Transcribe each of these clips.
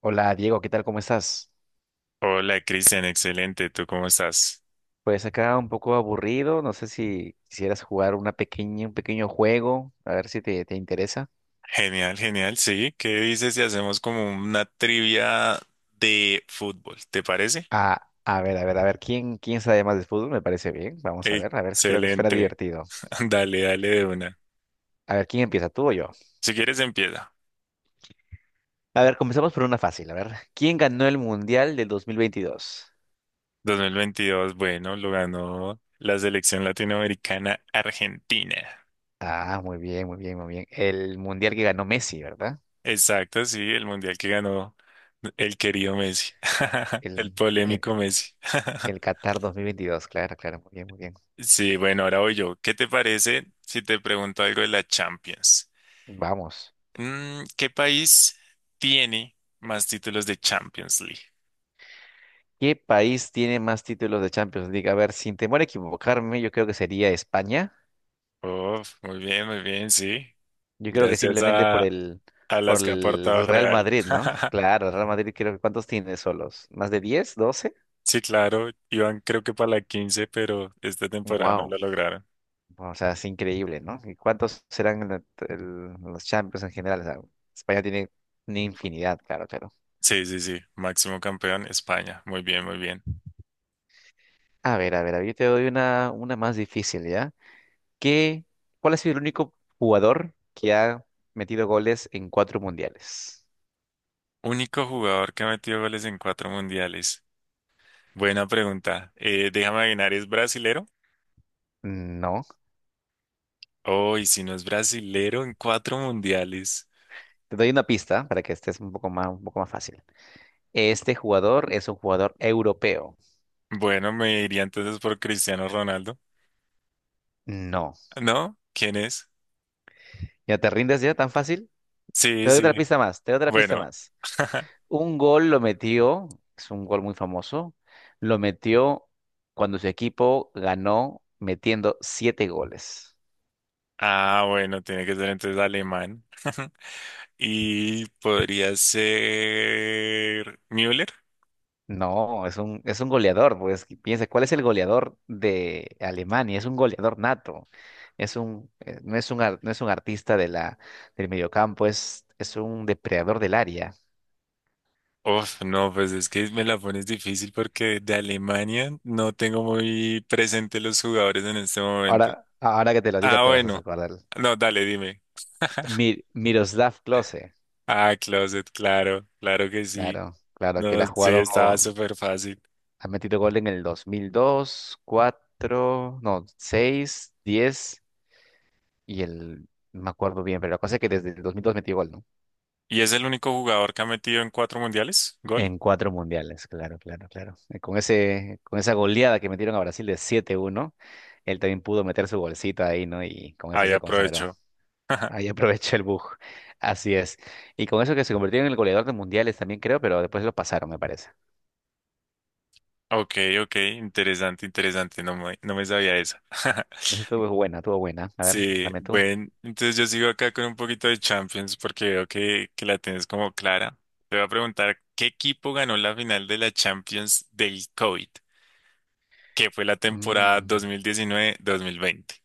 Hola Diego, ¿qué tal? ¿Cómo estás? Hola, Cristian, excelente. ¿Tú cómo estás? Pues acá un poco aburrido, no sé si quisieras jugar una pequeña, un pequeño juego, a ver si te interesa. Genial, genial. Sí, ¿qué dices si hacemos como una trivia de fútbol? ¿Te parece? Ah, a ver, a ver, a ver, ¿quién sabe más de fútbol? Me parece bien, vamos a ver, creo que suena Excelente. divertido. Dale, dale de una. A ver, ¿quién empieza, tú o yo? Si quieres, empieza. A ver, comenzamos por una fácil, a ver, ¿quién ganó el Mundial del 2022? 2022, bueno, lo ganó la selección latinoamericana Argentina. Ah, muy bien, muy bien, muy bien. El Mundial que ganó Messi, ¿verdad? Exacto, sí, el mundial que ganó el querido Messi, el El, el, polémico Messi. el Qatar 2022. Claro, claro, muy bien, muy bien. Sí, bueno, ahora voy yo. ¿Qué te parece si te pregunto algo de la Champions? Vamos. ¿Qué país tiene más títulos de Champions League? ¿Qué país tiene más títulos de Champions League? A ver, sin temor a equivocarme, yo creo que sería España. Oh, muy bien, sí. Yo creo que Gracias simplemente a por las que ha el aportado el Real Real. Madrid, ¿no? Claro, el Real Madrid creo que ¿cuántos tiene solos? ¿Más de 10, doce? Sí, claro, iban creo que para la 15, pero esta temporada no Wow. lo lograron. O sea, es increíble, ¿no? ¿Y cuántos serán los Champions en general? O sea, España tiene una infinidad, claro, claro. Sí, sí, sí, máximo campeón España. Muy bien, muy bien. A ver, a ver, a ver, yo te doy una más difícil, ¿ya? ¿Qué, ¿cuál ha sido el único jugador que ha metido goles en cuatro mundiales? Único jugador que ha metido goles en cuatro mundiales. Buena pregunta. Déjame adivinar, ¿es brasilero? No. Oh, ¿y si no es brasilero en cuatro mundiales? Te doy una pista para que estés un poco más fácil. Este jugador es un jugador europeo. Bueno, me iría entonces por Cristiano Ronaldo. No. ¿No? ¿Quién es? ¿Ya te rindes ya tan fácil? Sí, Te doy sí. otra pista más, te doy otra pista Bueno, más. Un gol lo metió, es un gol muy famoso, lo metió cuando su equipo ganó metiendo siete goles. ah, bueno, tiene que ser entonces alemán. Y podría ser Müller. No, es un goleador, pues que piensa, ¿cuál es el goleador de Alemania? Es un goleador nato, es un, no es un, ar- no es un artista de del mediocampo, es un depredador del área. Uf, no, pues es que me la pones difícil porque de Alemania no tengo muy presente los jugadores en este momento. Ahora, ahora que te lo diga Ah, te vas a bueno. acordar. No, dale, dime. Miroslav Klose, Ah, Closet, claro, claro que sí. claro, claro, que él No, ha sí, jugado, estaba súper fácil. ha metido gol en el 2002, 4 no, 6 10 y el, no me acuerdo bien, pero la cosa es que desde el 2002 metió gol, ¿no? ¿Y es el único jugador que ha metido en cuatro mundiales? ¿Gol? En cuatro mundiales, claro, claro, claro. Con ese, con esa goleada que metieron a Brasil de siete uno, él también pudo meter su bolsita ahí, ¿no? Y con eso Ahí se consagró. aprovecho. Ahí aprovechó el bug. Así es. Y con eso que se convirtió en el goleador de mundiales también, creo, pero después lo pasaron, me parece. Ok, ok, interesante, interesante, no me sabía eso. Esa estuvo buena, estuvo buena. A ver, Sí, dame tú. bueno, entonces yo sigo acá con un poquito de Champions porque veo que la tienes como clara. Te voy a preguntar, ¿qué equipo ganó la final de la Champions del COVID? Que fue la temporada Mm, dos mil diecinueve mil veinte.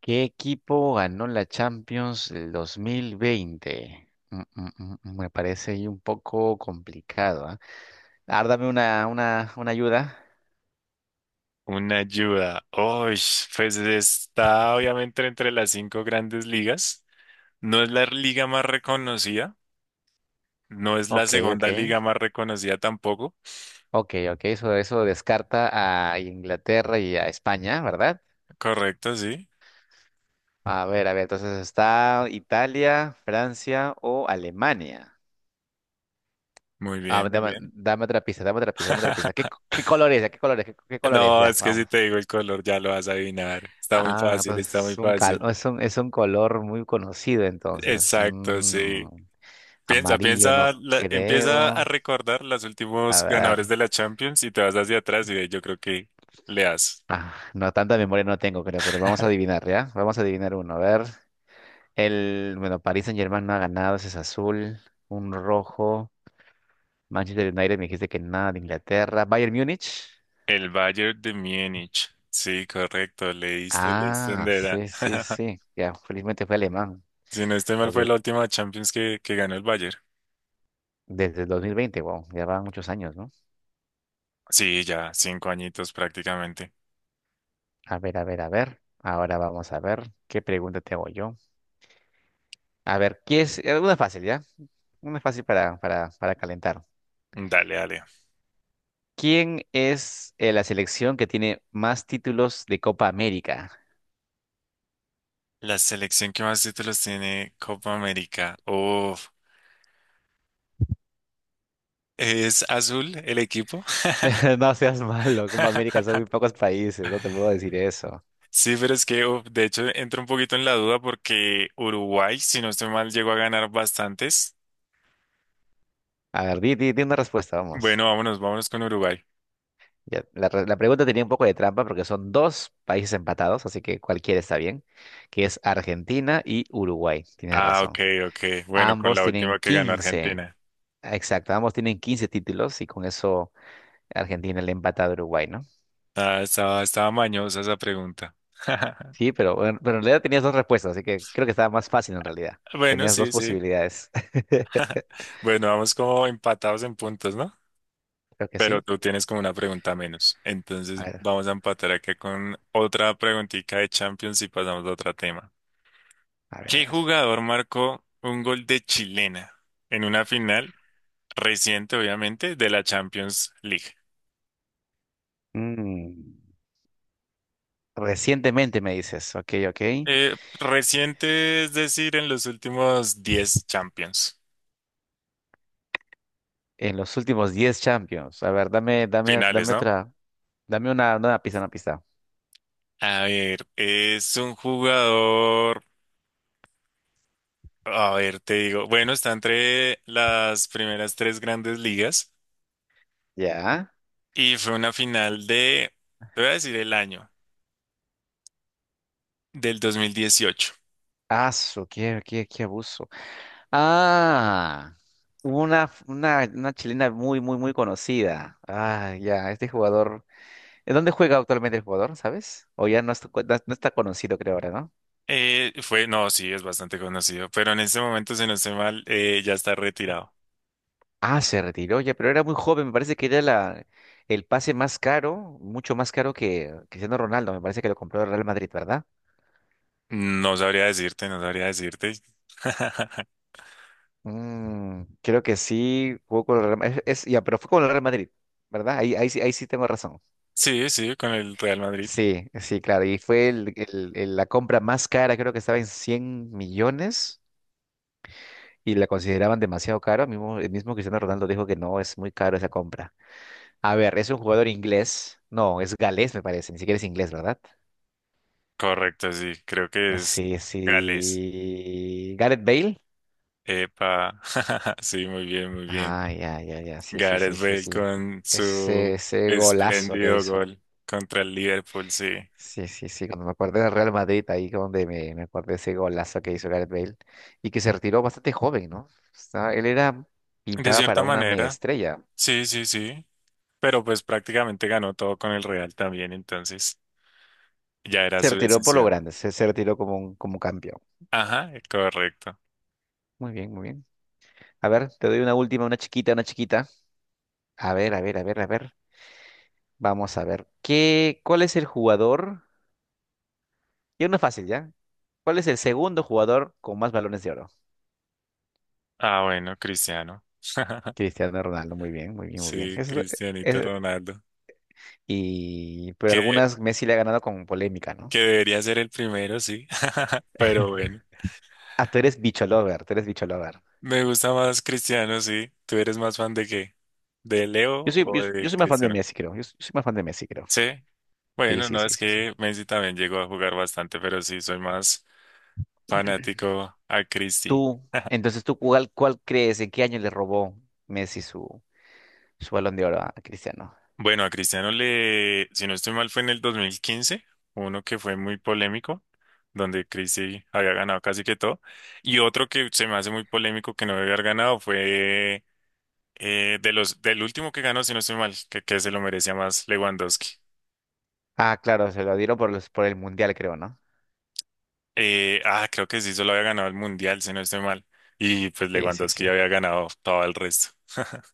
¿Qué equipo ganó la Champions el 2020? Me parece ahí un poco complicado, ¿ah? A ver, dame una ayuda. Una ayuda. Uy, pues está obviamente entre las cinco grandes ligas. No es la liga más reconocida, no es la Ok, ok. segunda liga más reconocida tampoco. Ok, ok, eso descarta a Inglaterra y a España, ¿verdad? Correcto, sí. A ver, entonces está Italia, Francia o Alemania. Muy bien, Ah, muy dame, bien. dame otra pista, dame otra pista, dame otra pista. ¿Qué color es? ¿Ya? ¿Qué color es? ¿Qué color es? No, Ya, es que si vamos. te digo el color ya lo vas a adivinar. Está muy Ah, fácil, está entonces muy es un, cal- fácil. no, es un color muy conocido, entonces. Exacto, Mm, sí. Piensa, amarillo, piensa, no empieza a creo. recordar los A últimos ganadores ver. de la Champions y te vas hacia atrás y yo creo que le das. Ah, no, tanta memoria no tengo, creo, pero vamos a adivinar, ¿ya? Vamos a adivinar uno, a ver. El, bueno, Paris Saint-Germain no ha ganado, ese es azul, un rojo. Manchester United me dijiste que nada de Inglaterra. Bayern Múnich. El Bayern de Múnich. Sí, correcto, leíste, leíste Ah, donde era. sí, sí, sí. Ya, felizmente fue alemán. Si no estoy mal, Lo fue que la última Champions que ganó el Bayern. desde el 2020, wow, ya van muchos años, ¿no? Sí, ya, cinco añitos prácticamente. A ver, a ver, a ver. Ahora vamos a ver qué pregunta te hago yo. A ver, ¿quién es? Una fácil, ¿ya? Una fácil para calentar. Dale, dale. ¿Quién es la selección que tiene más títulos de Copa América? La selección que más títulos tiene Copa América. Uf. ¿Es azul el equipo? No seas malo, Copa América son muy pocos países, no te puedo decir eso. Sí, pero es que, uf, de hecho, entro un poquito en la duda porque Uruguay, si no estoy mal, llegó a ganar bastantes. A ver, di una respuesta, vamos. Bueno, vámonos, vámonos con Uruguay. Ya, la pregunta tenía un poco de trampa porque son dos países empatados, así que cualquiera está bien, que es Argentina y Uruguay, tienes Ah, razón. ok, ok. Bueno, con Ambos la tienen última que ganó 15. Argentina. Exacto, ambos tienen 15 títulos y con eso Argentina le empata a Uruguay, ¿no? Ah, estaba, estaba mañosa esa pregunta. Sí, pero, bueno, pero en realidad tenías dos respuestas, así que creo que estaba más fácil en realidad. Bueno, Tenías dos sí, sí. posibilidades. Bueno, vamos como empatados en puntos, ¿no? Creo que Pero sí. tú tienes como una pregunta menos. A Entonces ver, vamos a empatar acá con otra preguntita de Champions y pasamos a otro tema. a ver, a ¿Qué ver. jugador marcó un gol de chilena en una final reciente, obviamente, de la Champions League? Mm. Recientemente me dices, ok, ok. Reciente, es decir, en los últimos 10 Champions En los últimos 10 Champions. A ver, finales, dame ¿no? otra, dame una pista, una pista. A ver, es un jugador, a ver, te digo, bueno, está entre las primeras tres grandes ligas. Ya. Y fue una final te voy a decir el año, del 2018. Ah, su, qué abuso. Ah, una chilena muy, muy, muy conocida. Ah, ya, este jugador. ¿En dónde juega actualmente el jugador, sabes? O ya no está, no está conocido, creo ahora, ¿no? Fue, no, sí, es bastante conocido, pero en este momento, si no estoy mal, ya está retirado. Ah, se retiró ya, pero era muy joven. Me parece que era el pase más caro, mucho más caro que Cristiano Ronaldo. Me parece que lo compró el Real Madrid, ¿verdad? No sabría decirte, no sabría decirte. Mm, creo que sí, jugó con el Real Madrid. Ya, pero fue con el Real Madrid, ¿verdad? Ahí sí tengo razón. Sí, sí, con el Real Madrid. Sí, sí, claro. Y fue la compra más cara, creo que estaba en 100 millones y la consideraban demasiado caro. Mismo, el mismo Cristiano Ronaldo dijo que no, es muy caro esa compra. A ver, es un jugador inglés. No, es galés, me parece. Ni siquiera es inglés, ¿verdad? Correcto, sí, creo que es Sí, Gales. sí. Gareth Bale. Epa, sí, muy bien, muy bien. Ah, ya, ya, ya. Sí, sí, Gareth sí, sí, Bale sí. con Ese, su ese golazo que espléndido hizo. gol contra el Liverpool, sí. Sí, sí, sí, cuando me acuerdo del Real Madrid, ahí donde me acuerdo de ese golazo que hizo Gareth Bale y que se retiró bastante joven, ¿no? O sea, él era De pintaba cierta para una mega manera, estrella. sí, sí, sí. Pero pues prácticamente ganó todo con el Real también, entonces ya era Se su retiró por lo decisión. grande, se retiró como un campeón. Ajá, correcto. Muy bien, muy bien. A ver, te doy una última, una chiquita, una chiquita. A ver, a ver, a ver, a ver. Vamos a ver. ¿Qué, cuál es el jugador? Y uno fácil, ¿ya? ¿Cuál es el segundo jugador con más balones de oro? Ah, bueno, Cristiano. Cristiano Ronaldo, muy bien, muy bien, muy bien. Sí, Eso, Cristianito Ronaldo. y, pero Que, algunas Messi le ha ganado con polémica, ¿no? que debería ser el primero, sí. Pero bueno, Ah, tú eres bicho lover, tú eres bicho lover. me gusta más Cristiano, sí. ¿Tú eres más fan de qué? ¿De Leo o de Yo soy más fan de Cristiano? Messi, creo. Yo soy más fan de Messi, creo. Sí. Sí, Bueno, sí, no, sí, es sí, sí. que Messi también llegó a jugar bastante, pero sí, soy más fanático a Cristi. Tú, entonces, ¿cuál crees? ¿En qué año le robó Messi su balón de oro a Cristiano? Bueno, a Cristiano le, si no estoy mal, fue en el 2015, uno que fue muy polémico, donde Cristi había ganado casi que todo, y otro que se me hace muy polémico que no debe haber ganado fue del último que ganó, si no estoy mal, que se lo merecía más Lewandowski. Ah, claro, se lo dieron por los, por el Mundial, creo, ¿no? Creo que sí, solo había ganado el Mundial, si no estoy mal, y pues Sí, sí, sí. Lewandowski ya había ganado todo el resto.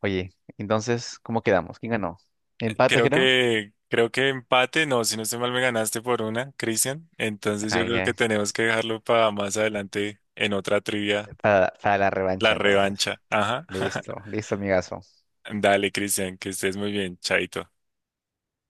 Oye, entonces, ¿cómo quedamos? ¿Quién ganó? ¿Empate, creo? Creo que empate, no, si no estoy mal me ganaste por una, Cristian. Entonces Ah, yo creo ya. que tenemos que dejarlo para más adelante en otra trivia, Para la la revancha, entonces. revancha. Ajá. Listo, listo, amigazo. Dale, Cristian, que estés muy bien, chaito.